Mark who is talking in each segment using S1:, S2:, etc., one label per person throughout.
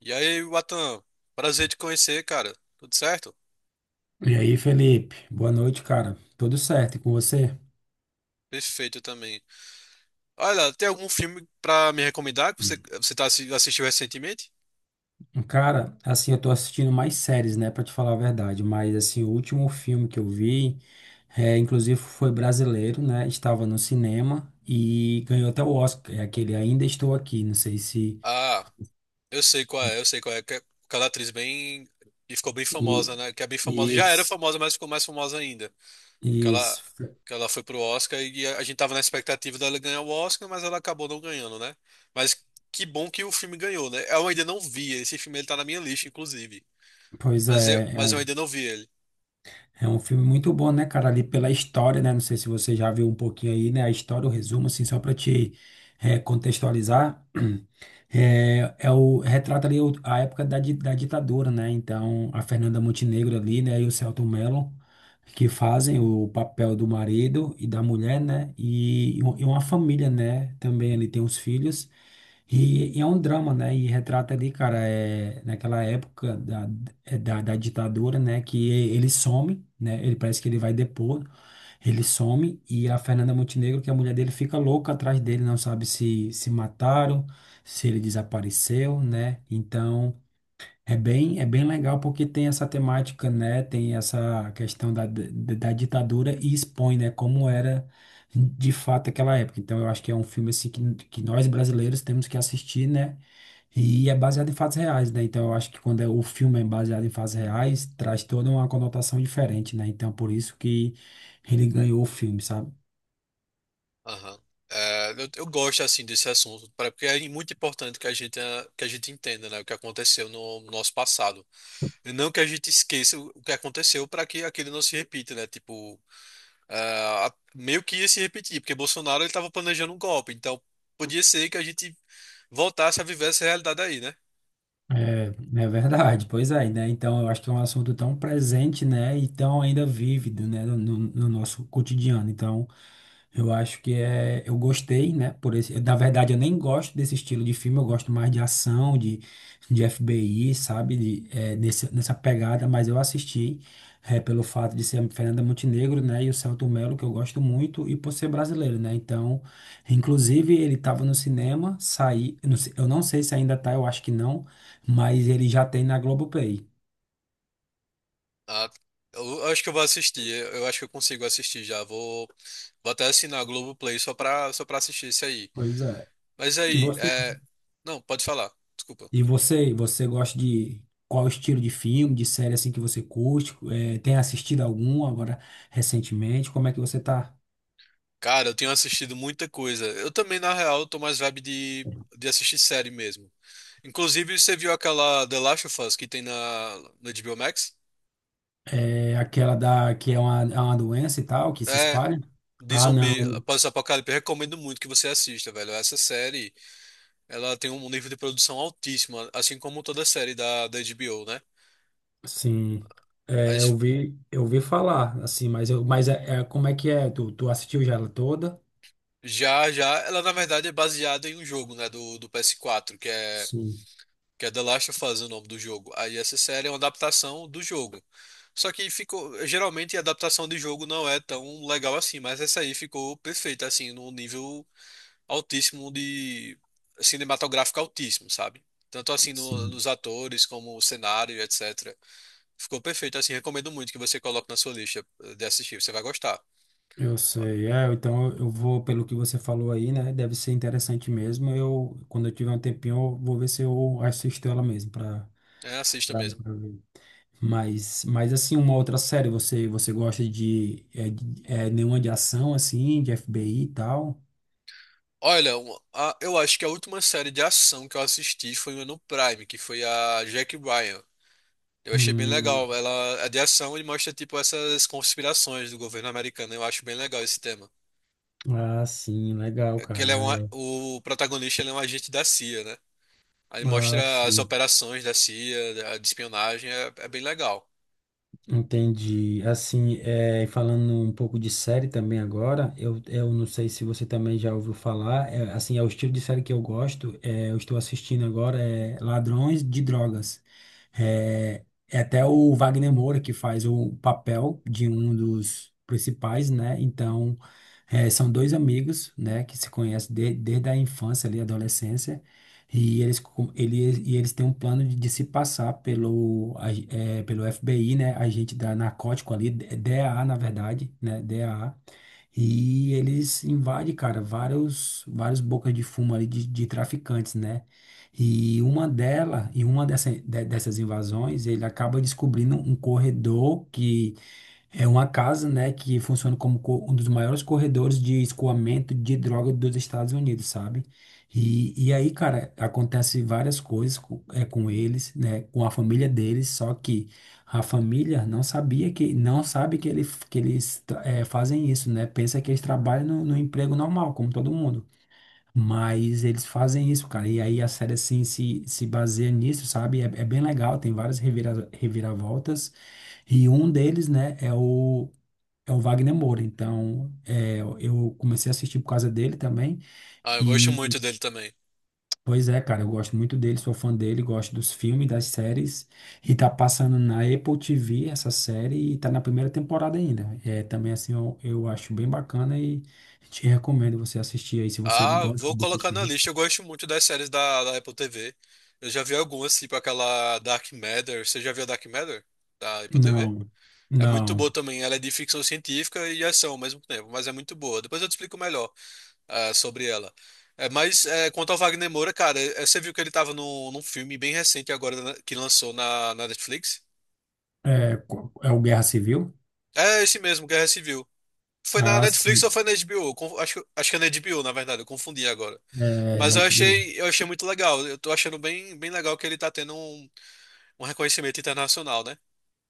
S1: E aí, Watan, prazer te conhecer, cara. Tudo certo?
S2: E aí, Felipe? Boa noite, cara. Tudo certo e com você?
S1: Perfeito também. Olha, tem algum filme pra me recomendar que você,
S2: Hum.
S1: você tá, assistiu recentemente?
S2: Cara, assim, eu tô assistindo mais séries, né, pra te falar a verdade, mas assim, o último filme que eu vi, inclusive foi brasileiro, né? Estava no cinema e ganhou até o Oscar, é aquele Ainda Estou Aqui, não sei se
S1: Ah, eu sei qual é, eu sei qual é. Que é aquela atriz bem. E ficou bem
S2: e
S1: famosa, né? Que é bem famosa.
S2: e
S1: Já era famosa, mas ficou mais famosa ainda. que ela,
S2: isso,
S1: que ela foi pro Oscar e a gente tava na expectativa dela ganhar o Oscar, mas ela acabou não ganhando, né? Mas que bom que o filme ganhou, né? Eu ainda não vi, esse filme ele tá na minha lista, inclusive.
S2: pois é, é
S1: Mas eu
S2: um
S1: ainda não vi ele.
S2: é um filme muito bom, né, cara? Ali pela história, né? Não sei se você já viu um pouquinho aí, né? A história, o resumo, assim, só pra te contextualizar. É, é o, retrata ali a época da, da ditadura, né? Então, a Fernanda Montenegro ali, né? E o Selton Mello, que fazem o papel do marido e da mulher, né? E, e uma família, né? Também ali tem os filhos. E é um drama, né? E retrata ali, cara, é, naquela época da, da, da ditadura, né? Que ele some, né? Ele parece que ele vai depor, ele some e a Fernanda Montenegro, que é a mulher dele, fica louca atrás dele, não sabe se se mataram, se ele desapareceu, né? Então. É bem legal porque tem essa temática, né? Tem essa questão da ditadura e expõe, né? Como era de fato aquela época. Então eu acho que é um filme assim que nós brasileiros temos que assistir, né? E é baseado em fatos reais, né? Então eu acho que o filme é baseado em fatos reais, traz toda uma conotação diferente, né? Então por isso que ele ganhou o filme, sabe?
S1: Aham. É, eu gosto assim desse assunto, porque é muito importante que a gente, que a gente entenda, né, o que aconteceu no nosso passado. E não que a gente esqueça o que aconteceu para que aquilo não se repita, né? Tipo, ah, meio que ia se repetir, porque Bolsonaro ele estava planejando um golpe, então podia ser que a gente voltasse a viver essa realidade aí, né?
S2: É, é verdade, pois é, né? Então eu acho que é um assunto tão presente, né? E tão ainda vívido, né? No nosso cotidiano. Então eu acho que é, eu gostei, né? Por esse, na verdade eu nem gosto desse estilo de filme, eu gosto mais de ação, de FBI, sabe? De, é, nessa pegada, mas eu assisti, é, pelo fato de ser a Fernanda Montenegro, né? E o Selton Mello, que eu gosto muito, e por ser brasileiro, né? Então, inclusive ele estava no cinema, saí, eu não sei, se ainda tá, eu acho que não, mas ele já tem na Globoplay.
S1: Ah, eu acho que eu vou assistir, eu acho que eu consigo assistir já, vou, vou até assinar a Globoplay só só pra assistir isso aí.
S2: Pois é.
S1: Mas
S2: E
S1: aí,
S2: você,
S1: é... Não, pode falar, desculpa.
S2: você gosta de qual estilo de filme, de série assim que você curte? Eh, tem assistido algum agora recentemente? Como é que você tá?
S1: Cara, eu tenho assistido muita coisa, eu também, na real, eu tô mais de assistir série mesmo. Inclusive, você viu aquela The Last of Us que tem no HBO Max?
S2: É aquela da que é uma doença e tal, que se
S1: É,
S2: espalha?
S1: de
S2: Ah,
S1: zumbi,
S2: não.
S1: pós-apocalipse, eu recomendo muito que você assista, velho. Essa série, ela tem um nível de produção altíssimo, assim como toda série da HBO, né?
S2: Sim. É,
S1: As-
S2: eu vi falar, assim, mas eu, mas como é que é? Tu, tu assistiu já ela toda?
S1: Já, já, ela na verdade é baseada em um jogo, né, do PS4,
S2: Sim,
S1: que é The Last of Us, o nome do jogo. Aí essa série é uma adaptação do jogo. Só que ficou, geralmente a adaptação de jogo não é tão legal assim, mas essa aí ficou perfeita, assim, num nível altíssimo de assim, cinematográfico altíssimo, sabe? Tanto assim
S2: sim.
S1: nos atores como o cenário, etc. Ficou perfeito, assim, recomendo muito que você coloque na sua lista de assistir, você vai gostar.
S2: Eu sei, é, então eu vou, pelo que você falou aí, né? Deve ser interessante mesmo. Eu, quando eu tiver um tempinho, eu vou ver se eu assisto ela mesmo para
S1: É, assista mesmo.
S2: ver. Mas assim, uma outra série, você, você gosta de, nenhuma de ação, assim, de FBI e tal?
S1: Olha, eu acho que a última série de ação que eu assisti foi uma no Prime, que foi a Jack Ryan. Eu achei bem legal.
S2: Hum,
S1: Ela é de ação e mostra tipo essas conspirações do governo americano. Eu acho bem legal esse tema.
S2: ah, sim, legal,
S1: Que
S2: cara.
S1: ele é um,
S2: É.
S1: o protagonista ele é um agente da CIA, né? Aí
S2: Ah,
S1: mostra as
S2: sim.
S1: operações da CIA, de espionagem, é, é bem legal.
S2: Entendi. Assim, é, falando um pouco de série também agora, eu não sei se você também já ouviu falar, é, assim, é o estilo de série que eu gosto, é, eu estou assistindo agora, é Ladrões de Drogas. É, é até o Wagner Moura que faz o papel de um dos principais, né? Então, é, são dois amigos, né, que se conhecem desde a infância ali, adolescência, e eles, e eles têm um plano de se passar pelo, pelo FBI, né? Agente da narcótico ali, DAA, na verdade, né? DEA. E eles invadem, cara, vários, vários bocas de fumo ali de traficantes, né? E uma dela, e uma dessa, dessas invasões, ele acaba descobrindo um corredor que é uma casa, né, que funciona como um dos maiores corredores de escoamento de droga dos Estados Unidos, sabe? E aí, cara, acontece várias coisas com, é, com eles, né, com a família deles, só que a família não sabia que, não sabe que, ele, que eles tra- é, fazem isso, né? Pensa que eles trabalham no emprego normal, como todo mundo. Mas eles fazem isso, cara. E aí a série, assim, se baseia nisso, sabe? É, é bem legal, tem reviravoltas. E um deles, né, é o Wagner Moura. Então, é, eu comecei a assistir por causa dele também.
S1: Ah, eu gosto
S2: E,
S1: muito dele também.
S2: pois é, cara, eu gosto muito dele, sou fã dele, gosto dos filmes, das séries. E tá passando na Apple TV essa série e tá na primeira temporada ainda. É, também, assim, eu acho bem bacana e te recomendo você assistir aí, se você
S1: Ah,
S2: gosta
S1: vou
S2: de
S1: colocar
S2: assistir.
S1: na lista. Eu gosto muito das séries da Apple TV. Eu já vi algumas, tipo aquela Dark Matter. Você já viu a Dark Matter da Apple TV?
S2: Não,
S1: É muito
S2: não.
S1: boa também. Ela é de ficção científica e ação ao mesmo tempo, mas é muito boa. Depois eu te explico melhor. É, sobre ela. É, mas é, quanto ao Wagner Moura, cara, é, você viu que ele tava no, num filme bem recente agora né, que lançou na Netflix?
S2: É, é o Guerra Civil?
S1: É esse mesmo, Guerra Civil. Foi na
S2: Ah,
S1: Netflix ou
S2: sim.
S1: foi na HBO? Acho, acho que é na HBO, na verdade, eu confundi agora.
S2: É, Night Vale.
S1: Eu achei muito legal. Eu tô achando bem, bem legal que ele tá tendo um, um reconhecimento internacional, né?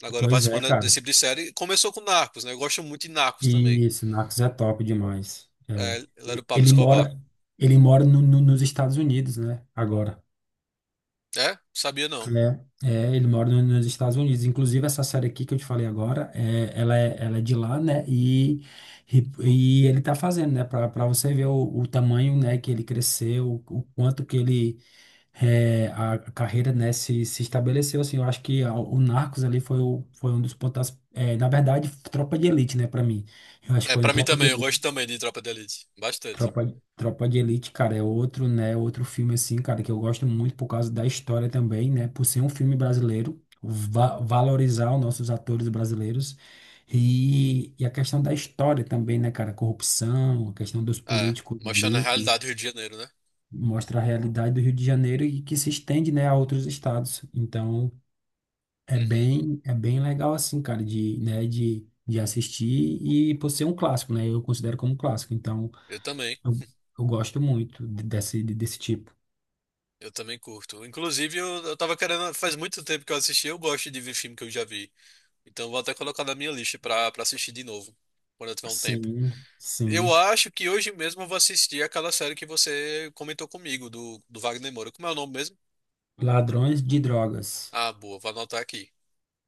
S1: Agora
S2: Pois é,
S1: participando desse
S2: cara.
S1: tipo de série. Começou com Narcos, né? Eu gosto muito de Narcos também.
S2: Isso, Narcos é top demais.
S1: É,
S2: É.
S1: ele era o Pablo
S2: Ele
S1: Escobar.
S2: mora, ele mora nos Estados Unidos, né? Agora.
S1: É? Sabia não.
S2: É, é, ele mora nos Estados Unidos. Inclusive, essa série aqui que eu te falei agora, é, ela, é, ela é de lá, né? E ele tá fazendo, né? Pra, pra você ver o tamanho, né, que ele cresceu, o quanto que ele. É, a carreira, né, se estabeleceu, assim, eu acho que o Narcos ali foi, o, foi um dos pontos, é, na verdade, Tropa de Elite, né, pra mim, eu acho que
S1: É,
S2: foi no
S1: pra mim
S2: Tropa de
S1: também, eu gosto
S2: Elite.
S1: também de Tropa de Elite. Bastante.
S2: Tropa de Elite, cara, é outro, né? Outro filme assim, cara, que eu gosto muito por causa da história também, né? Por ser um filme brasileiro, va valorizar os nossos atores brasileiros e a questão da história também, né, cara? Corrupção, a questão dos
S1: É,
S2: políticos
S1: mostrando a
S2: ali, que
S1: realidade do Rio de Janeiro, né?
S2: mostra a realidade do Rio de Janeiro e que se estende, né, a outros estados. Então,
S1: Uhum.
S2: é bem legal assim, cara, de assistir e por ser um clássico, né? Eu considero como um clássico. Então,
S1: Eu também.
S2: eu, eu gosto muito desse tipo.
S1: Eu também curto. Inclusive, eu tava querendo. Faz muito tempo que eu assisti, eu gosto de ver filme que eu já vi. Então, vou até colocar na minha lista pra assistir de novo, quando eu tiver um tempo.
S2: Sim,
S1: Eu
S2: sim.
S1: acho que hoje mesmo eu vou assistir aquela série que você comentou comigo, do Wagner Moura. Como é o nome mesmo?
S2: Ladrões de drogas.
S1: Ah, boa, vou anotar aqui.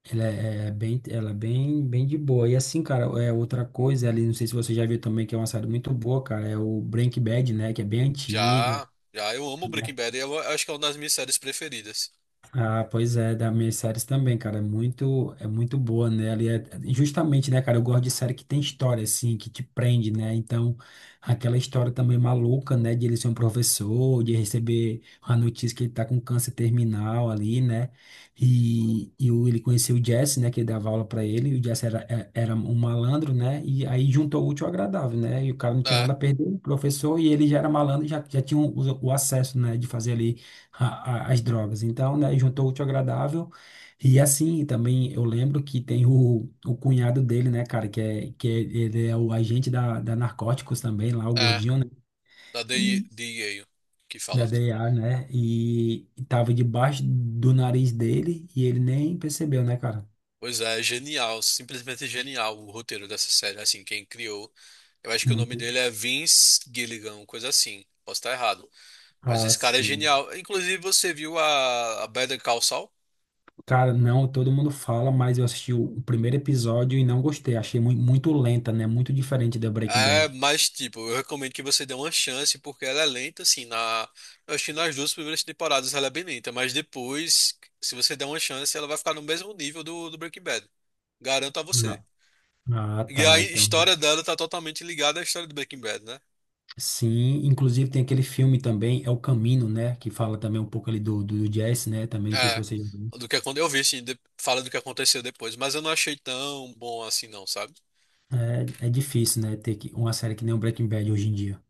S2: Ela é, é bem, ela é bem, bem de boa. E assim, cara, é outra coisa ali, não sei se você já viu também, que é uma série muito boa, cara, é o Breaking Bad, né, que é bem antiga.
S1: Já, já, eu amo Breaking Bad e eu acho que é uma das minhas séries preferidas.
S2: Ah, pois é, das minhas séries também, cara, é muito boa, né? Ali é, é, justamente, né, cara, eu gosto de série que tem história, assim, que te prende, né? Então, aquela história também maluca, né, de ele ser um professor, de receber a notícia que ele tá com câncer terminal ali, né? E, ele conheceu o Jesse, né, que dava aula pra ele, e o Jesse era, era um malandro, né? E aí juntou o útil ao agradável, né? E o cara não tinha
S1: É,
S2: nada a perder, o professor, e ele já era malandro, já, já tinha o acesso, né, de fazer ali as drogas. Então, né, juntou o útil ao agradável. E assim, também eu lembro que tem o cunhado dele, né, cara, que é, ele é o agente da, da Narcóticos também, lá, o
S1: é,
S2: gordinho, né,
S1: da
S2: E-
S1: DEA, que fala.
S2: da DEA, né, e tava debaixo do nariz dele e ele nem percebeu, né, cara?
S1: Pois é, genial, simplesmente genial o roteiro dessa série. Assim, quem criou, eu acho que o nome
S2: Muito.
S1: dele é Vince Gilligan, coisa assim. Posso estar errado, mas
S2: Ah,
S1: esse cara é
S2: sim.
S1: genial. Inclusive, você viu a Better Call Saul?
S2: Cara, não, todo mundo fala, mas eu assisti o primeiro episódio e não gostei. Achei muito lenta, né? Muito diferente da Breaking
S1: É,
S2: Bad.
S1: mas tipo, eu recomendo que você dê uma chance porque ela é lenta, assim, na, eu acho que nas duas primeiras temporadas ela é bem lenta, mas depois, se você der uma chance, ela vai ficar no mesmo nível do Breaking Bad. Garanto a você.
S2: Ah, ah,
S1: E a
S2: tá. Então.
S1: história dela tá totalmente ligada à história do Breaking Bad, né?
S2: Sim, inclusive tem aquele filme também, é o Camino, né? Que fala também um pouco ali do jazz, né? Também não sei se
S1: É,
S2: você já viu.
S1: do que quando eu vi, assim, fala do que aconteceu depois, mas eu não achei tão bom assim, não, sabe?
S2: É, é difícil, né? Uma série que nem o Breaking Bad hoje em dia.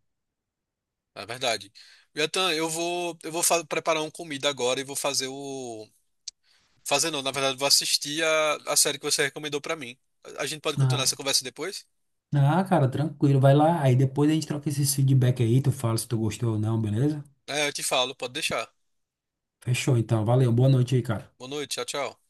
S1: É verdade. Yatan, eu vou, preparar uma comida agora e vou fazer o. Fazer não, na verdade, vou assistir a série que você recomendou pra mim. A gente pode continuar essa
S2: Ah,
S1: conversa depois?
S2: ah, cara, tranquilo, vai lá. Aí depois a gente troca esses feedback aí, tu fala se tu gostou ou não, beleza?
S1: É, eu te falo, pode deixar.
S2: Fechou, então. Valeu, boa noite aí, cara.
S1: Boa noite, tchau, tchau.